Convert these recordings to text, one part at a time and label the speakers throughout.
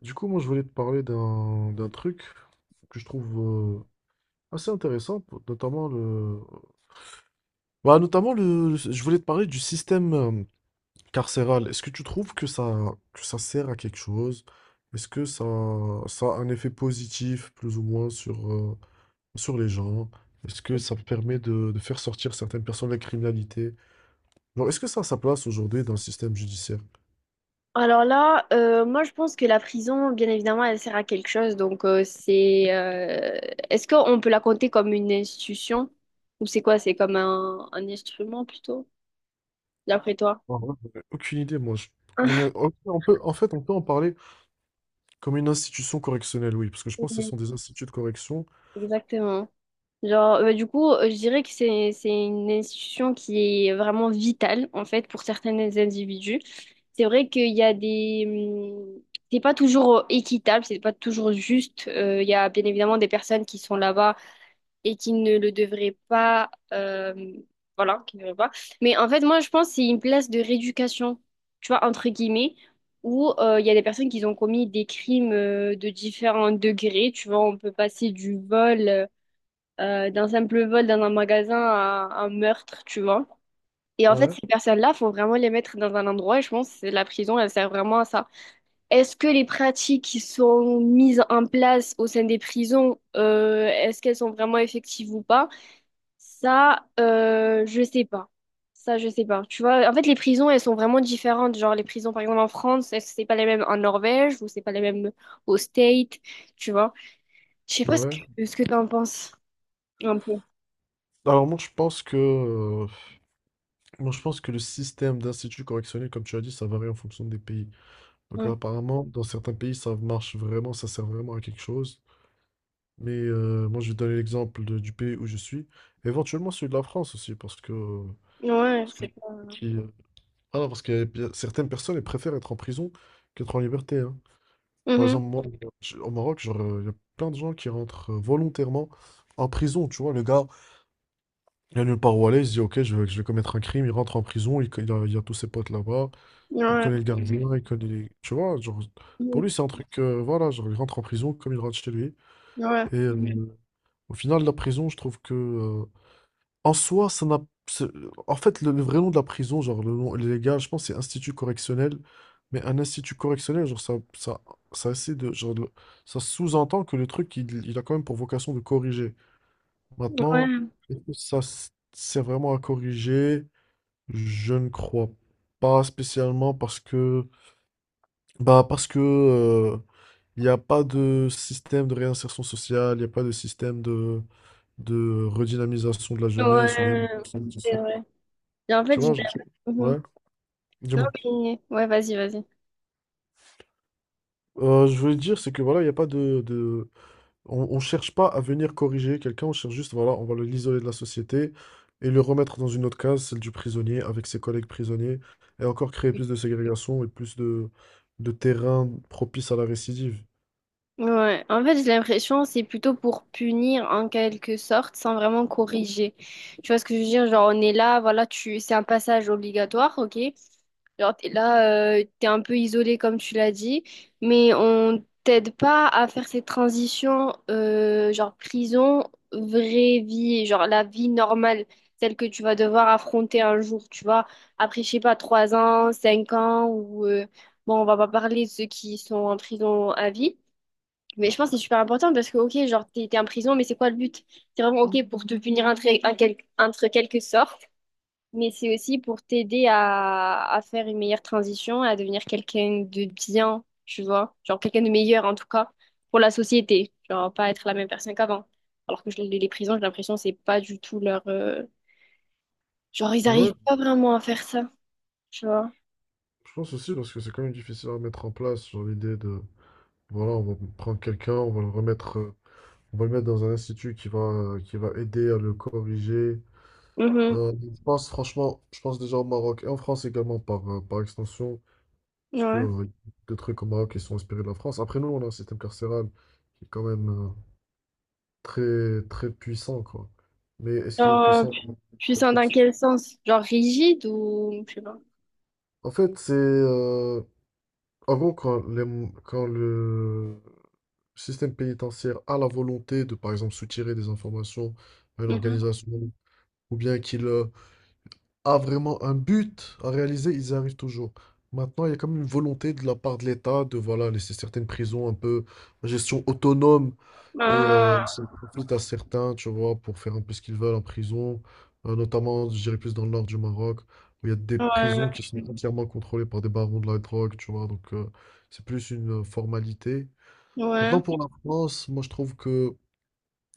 Speaker 1: Du coup, moi, je voulais te parler d'un truc que je trouve assez intéressant, notamment notamment Je voulais te parler du système carcéral. Est-ce que tu trouves que ça sert à quelque chose? Est-ce que ça, ça a un effet positif, plus ou moins, sur, sur les gens? Est-ce que ça permet de faire sortir certaines personnes de la criminalité? Genre, est-ce que ça a sa place aujourd'hui dans le système judiciaire?
Speaker 2: Alors là, moi je pense que la prison, bien évidemment, elle sert à quelque chose. Donc est-ce qu'on peut la compter comme une institution ou c'est quoi? C'est comme un instrument plutôt, d'après toi?
Speaker 1: En vrai, j'en ai aucune idée, moi. Ok, on peut, en fait, on peut en parler comme une institution correctionnelle, oui, parce que je pense que ce
Speaker 2: Oui,
Speaker 1: sont des instituts de correction.
Speaker 2: exactement. Genre, du coup, je dirais que c'est une institution qui est vraiment vitale en fait pour certains individus. C'est vrai qu'il y a des c'est pas toujours équitable, c'est pas toujours juste. Il y a bien évidemment des personnes qui sont là-bas et qui ne le devrait pas. Voilà, qui ne devrait pas. Mais en fait, moi, je pense que c'est une place de rééducation, tu vois, entre guillemets, où il y a des personnes qui ont commis des crimes de différents degrés. Tu vois, on peut passer du vol, d'un simple vol dans un magasin à un meurtre, tu vois. Et en fait,
Speaker 1: Ouais.
Speaker 2: ces personnes-là, faut vraiment les mettre dans un endroit, et je pense que la prison, elle sert vraiment à ça. Est-ce que les pratiques qui sont mises en place au sein des prisons, est-ce qu'elles sont vraiment effectives ou pas? Ça, je sais pas. Ça, je sais pas. Tu vois, en fait, les prisons, elles sont vraiment différentes. Genre, les prisons, par exemple, en France, c'est pas les mêmes en Norvège ou c'est pas les mêmes au State, tu vois. Je sais pas ce
Speaker 1: Ouais.
Speaker 2: que, ce que t'en penses, un peu.
Speaker 1: Alors moi, je pense que, moi, je pense que le système d'instituts correctionnels, comme tu as dit, ça varie en fonction des pays. Donc
Speaker 2: Mm.
Speaker 1: apparemment, dans certains pays, ça marche vraiment, ça sert vraiment à quelque chose. Mais moi, je vais donner l'exemple du pays où je suis. Éventuellement celui de la France aussi, parce que...
Speaker 2: Ouais,
Speaker 1: Parce que
Speaker 2: c'est pas...
Speaker 1: qui, ah non, parce qu'il y a certaines personnes, elles préfèrent être en prison qu'être en liberté, hein. Par
Speaker 2: Mhm.
Speaker 1: exemple, moi, au Maroc, genre, il y a plein de gens qui rentrent volontairement en prison. Tu vois, le gars, il a nulle part où aller, il se dit, ok, je vais commettre un crime, il rentre en prison, il a tous ses potes là-bas. Il
Speaker 2: Ouais.
Speaker 1: connaît le, mhm, gardien, mhm, il connaît Tu vois, genre, pour
Speaker 2: Mhm.
Speaker 1: lui, c'est un truc, voilà, genre, il rentre en prison comme il rentre chez lui.
Speaker 2: Ouais.
Speaker 1: Et, mhm, au final, la prison, je trouve que en soi, ça n'a... c'est- En fait, le vrai nom de la prison, genre, le nom légal, je pense, c'est institut correctionnel. Mais un institut correctionnel, genre, ça essaie de... Ça sous-entend que le truc, il a quand même pour vocation de corriger. Maintenant,
Speaker 2: Ouais.
Speaker 1: est-ce que ça sert vraiment à corriger? Je ne crois pas spécialement parce que... Bah parce que il n'y a pas de système de réinsertion sociale, il n'y a pas de système de redynamisation de la jeunesse ou bien...
Speaker 2: Ouais. C'est vrai. Et en fait,
Speaker 1: Tu
Speaker 2: j'ai-
Speaker 1: vois,
Speaker 2: Mhm.
Speaker 1: ouais, dis-moi.
Speaker 2: Oui. Ouais, vas-y, vas-y.
Speaker 1: Je voulais dire, c'est que voilà, il n'y a pas de... on cherche pas à venir corriger quelqu'un, on cherche juste, voilà, on va l'isoler de la société et le remettre dans une autre case, celle du prisonnier, avec ses collègues prisonniers, et encore créer plus de ségrégation et plus de terrain propice à la récidive.
Speaker 2: Ouais, en fait, j'ai l'impression c'est plutôt pour punir en quelque sorte sans vraiment corriger. Tu vois ce que je veux dire? Genre, on est là, voilà, tu c'est un passage obligatoire, ok? Genre, t'es là, t'es un peu isolé comme tu l'as dit, mais on t'aide pas à faire cette transition, genre prison, vraie vie, genre la vie normale, celle que tu vas devoir affronter un jour, tu vois. Après, je sais pas, 3 ans, 5 ans, ou bon, on va pas parler de ceux qui sont en prison à vie. Mais je pense que c'est super important parce que, ok, genre, t'es, t'es en prison, mais c'est quoi le but? C'est vraiment, ok, pour te punir entre quelque sorte, mais c'est aussi pour t'aider à faire une meilleure transition, à devenir quelqu'un de bien, tu vois? Genre, quelqu'un de meilleur, en tout cas, pour la société. Genre, pas être la même personne qu'avant. Alors que les prisons, j'ai l'impression, que c'est pas du tout leur... Genre, ils
Speaker 1: Ouais,
Speaker 2: arrivent pas vraiment à faire ça, tu vois?
Speaker 1: je pense aussi parce que c'est quand même difficile à mettre en place, genre l'idée voilà, on va prendre quelqu'un, on va le on va le mettre dans un institut qui qui va aider à le corriger.
Speaker 2: Mhm.
Speaker 1: Je pense franchement, je pense déjà au Maroc et en France également par, par extension, parce que
Speaker 2: Ouais.
Speaker 1: il y a des trucs au Maroc qui sont inspirés de la France. Après nous, on a un système carcéral qui est quand même très, très puissant, quoi. Mais est-ce qu'il est
Speaker 2: Genre,
Speaker 1: puissant?
Speaker 2: puissant dans quel sens? Genre, rigide ou... Je sais pas.
Speaker 1: En fait, en gros, quand le système pénitentiaire a la volonté de, par exemple, soutirer des informations à une organisation ou bien qu'il a vraiment un but à réaliser, ils y arrivent toujours. Maintenant, il y a comme une volonté de la part de l'État de voilà, laisser certaines prisons un peu à gestion autonome et
Speaker 2: Mhm.
Speaker 1: ils s'en profitent à certains, tu vois, pour faire un peu ce qu'ils veulent en prison. Notamment, je dirais plus dans le nord du Maroc, où il y a des
Speaker 2: Ouais,
Speaker 1: prisons qui sont, mhm, entièrement contrôlées par des barons de la drogue, tu vois, donc c'est plus une formalité. Maintenant,
Speaker 2: ouais,
Speaker 1: pour la France, moi je trouve que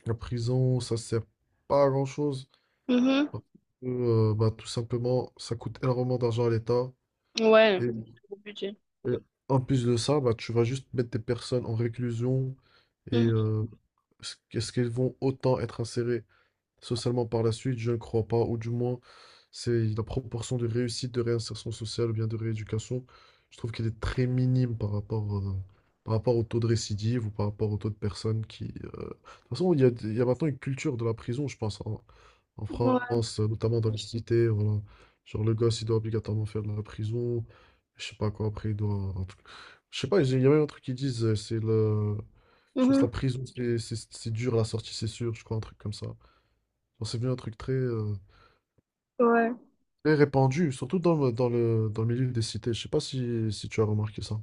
Speaker 1: la prison, ça sert pas à grand-chose.
Speaker 2: mhm,
Speaker 1: Parce que, bah, tout simplement, ça coûte énormément d'argent à l'État.
Speaker 2: ouais,
Speaker 1: Et,
Speaker 2: gros budget.
Speaker 1: et en plus de ça, bah, tu vas juste mettre des personnes en réclusion. Et
Speaker 2: Mhm,
Speaker 1: est-ce qu'elles vont autant être insérées socialement par la suite? Je ne crois pas, ou du moins, c'est la proportion de réussite de réinsertion sociale ou bien de rééducation, je trouve qu'elle est très minime par rapport au taux de récidive ou par rapport au taux de personnes qui... De toute façon, il y a maintenant une culture de la prison, je pense, en
Speaker 2: ouais,
Speaker 1: France, notamment dans les cités, voilà. Genre le gosse, il doit obligatoirement faire de la prison, je sais pas quoi, après il doit... Je sais pas, il y a même un truc qui disent, c'est le... Je pense
Speaker 2: mhm,
Speaker 1: que la prison, c'est dur, la sortie, c'est sûr, je crois, un truc comme ça. Genre, c'est bien un truc
Speaker 2: ouais,
Speaker 1: très répandu, surtout dans dans le milieu des cités. Je sais pas si tu as remarqué ça.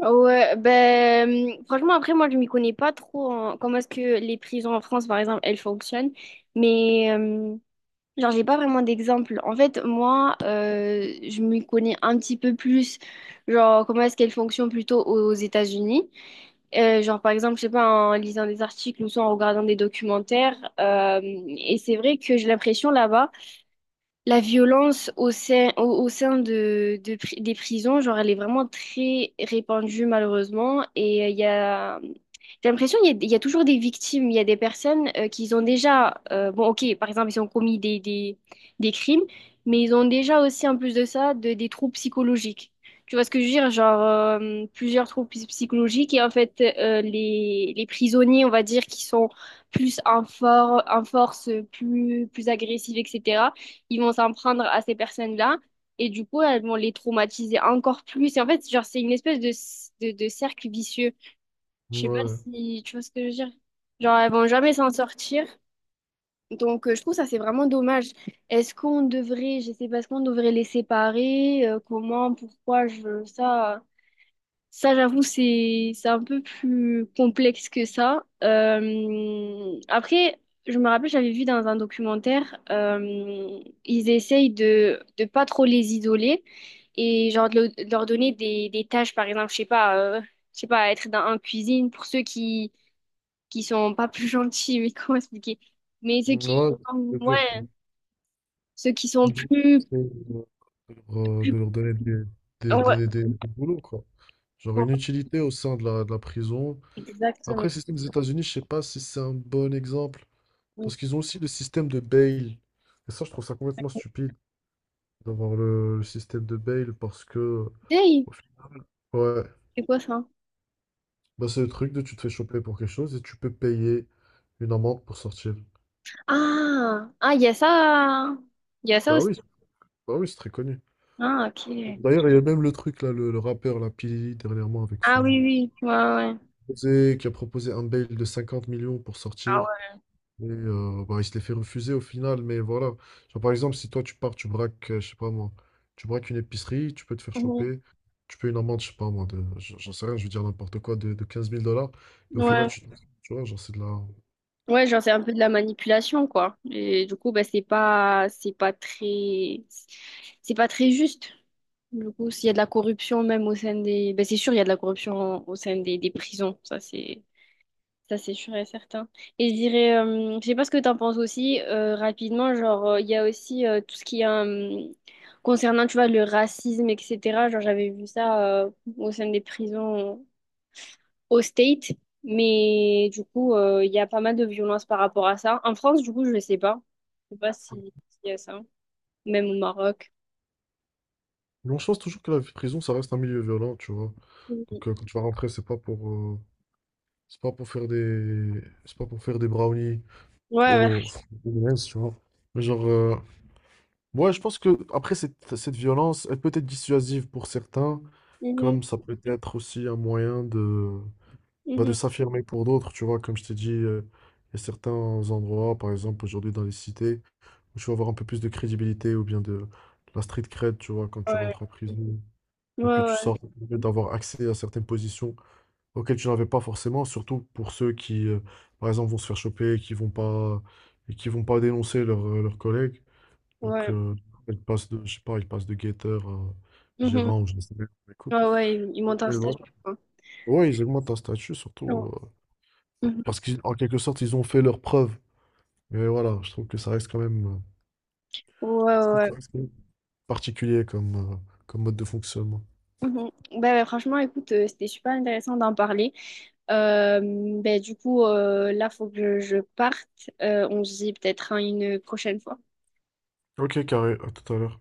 Speaker 2: Ah ouais, ben, franchement, après, moi, je m'y connais pas trop en comment est-ce que les prisons en France, par exemple, elles fonctionnent, mais, genre, j'ai pas vraiment d'exemple. En fait, moi, je m'y connais un petit peu plus, genre, comment est-ce qu'elles fonctionnent plutôt aux États-Unis. Genre, par exemple, je sais pas, en lisant des articles ou soit en regardant des documentaires, et c'est vrai que j'ai l'impression là-bas, la violence au sein, au sein de des prisons, genre, elle est vraiment très répandue malheureusement. Et j'ai l'impression qu'il y a toujours des victimes. Il y a des personnes qui ont déjà, bon, ok, par exemple, ils ont commis des crimes, mais ils ont déjà aussi, en plus de ça, des troubles psychologiques. Tu vois ce que je veux dire? Genre, plusieurs troubles psychologiques. Et en fait, les prisonniers, on va dire, qui sont plus en force, plus agressifs, etc. Ils vont s'en prendre à ces personnes-là et du coup, elles vont les traumatiser encore plus. Et en fait, genre, c'est une espèce de cercle vicieux. Je sais pas
Speaker 1: Ouais.
Speaker 2: si tu vois ce que je veux dire. Genre, elles vont jamais s'en sortir. Donc, je trouve ça, c'est vraiment dommage. Est-ce qu'on devrait, je sais pas, est-ce qu'on devrait les séparer? Comment, pourquoi je veux ça? Ça, j'avoue, c'est un peu plus complexe que ça. Après, je me rappelle, j'avais vu dans un documentaire, ils essayent de pas trop les isoler et genre de leur donner des tâches, par exemple, je sais pas, être dans un cuisine pour ceux qui sont pas plus gentils, mais comment expliquer? Mais ceux
Speaker 1: Ouais,
Speaker 2: qui,
Speaker 1: c'est dur.
Speaker 2: ouais, ceux qui sont plus,
Speaker 1: C'est de de leur donner
Speaker 2: ouais,
Speaker 1: des boulots, quoi. Genre une utilité au sein de de la prison. Après,
Speaker 2: exactement.
Speaker 1: le système des États-Unis, je sais pas si c'est un bon exemple. Parce qu'ils ont aussi le système de bail. Et ça, je trouve ça complètement stupide d'avoir le système de bail parce que...
Speaker 2: Hey,
Speaker 1: au fi- Ouais,
Speaker 2: c'est quoi ça?
Speaker 1: bah, c'est le truc de tu te fais choper pour quelque chose et tu peux payer une amende pour sortir.
Speaker 2: Ah, ah, il y a ça. Il y a ça
Speaker 1: Bah
Speaker 2: aussi.
Speaker 1: oui, c'est très connu.
Speaker 2: Ah, ok.
Speaker 1: D'ailleurs, il y a même le truc là, le rappeur, la P. Diddy, dernièrement, avec
Speaker 2: Ah
Speaker 1: son
Speaker 2: oui, oui. Ouais, ouais.
Speaker 1: qui a proposé un bail de 50 millions pour sortir.
Speaker 2: Ah
Speaker 1: Et bah, il se les fait refuser au final, mais voilà. Genre, par exemple, si toi tu pars, tu braques, je sais pas moi, tu braques une épicerie, tu peux te faire
Speaker 2: ouais. Mhm.
Speaker 1: choper, tu peux une amende, je sais pas moi, j'en sais rien, je veux dire n'importe quoi, de quinze mille dollars, et au final,
Speaker 2: Ouais.
Speaker 1: tu vois, genre c'est de la...
Speaker 2: Ouais, genre c'est un peu de la manipulation, quoi. Et du coup, bah, c'est pas très juste. Du coup, s'il y a de la corruption même au sein des, bah, c'est sûr, il y a de la corruption au sein des prisons. Ça, c'est sûr et certain. Et je dirais, je sais pas ce que tu en penses aussi, rapidement, genre, il y a aussi tout ce qui est concernant, tu vois, le racisme, etc. Genre, j'avais vu ça au sein des prisons au State, mais du coup, il y a pas mal de violences par rapport à ça. En France, du coup, je sais pas. Je sais pas s'il y a ça, même au Maroc.
Speaker 1: Mais on pense toujours que la prison, ça reste un milieu violent, tu vois. Donc
Speaker 2: Mhm.
Speaker 1: quand tu vas rentrer, c'est pas pour, c'est pas pour faire des, c'est pas pour faire des brownies
Speaker 2: Ouais, ouais.
Speaker 1: au, au M&M's, tu vois. Mais ouais, je pense que après cette violence, elle peut être dissuasive pour certains,
Speaker 2: Mhm.
Speaker 1: comme ça peut être aussi un moyen bah, de
Speaker 2: Mhm.
Speaker 1: s'affirmer pour d'autres, tu vois, comme je t'ai dit, il y a certains endroits, par exemple aujourd'hui dans les cités, où tu vas avoir un peu plus de crédibilité ou bien de la street cred, tu vois, quand tu
Speaker 2: Ouais,
Speaker 1: rentres en prison, mhm,
Speaker 2: ouais,
Speaker 1: et puis tu
Speaker 2: ouais.
Speaker 1: sors, ça te permet d'avoir accès à certaines positions auxquelles tu n'avais pas forcément, surtout pour ceux qui, par exemple, vont se faire choper, qui vont pas, et qui vont pas dénoncer leurs collègues. Donc,
Speaker 2: Ouais,
Speaker 1: il passe de, je sais pas, il passe de guetteur à
Speaker 2: Mhm.
Speaker 1: gérant ou je ne sais pas. Écoute,
Speaker 2: Ouais, ouais, ils montent un
Speaker 1: mais voilà.
Speaker 2: statut, quoi.
Speaker 1: Ouais, ils augmentent un statut,
Speaker 2: Ouais,
Speaker 1: surtout
Speaker 2: Mhm.
Speaker 1: parce qu'en quelque sorte, ils ont fait leurs preuves. Mais voilà, je trouve que ça reste quand même,
Speaker 2: ouais.
Speaker 1: je trouve
Speaker 2: ouais.
Speaker 1: que
Speaker 2: ouais.
Speaker 1: ça reste quand même particulier comme, comme mode de fonctionnement.
Speaker 2: Mhm. Bah, franchement, écoute, c'était super intéressant d'en parler. Euh, Bah, du coup, là, faut que je parte. On se dit peut-être à une prochaine fois.
Speaker 1: Ok, carré, à tout à l'heure.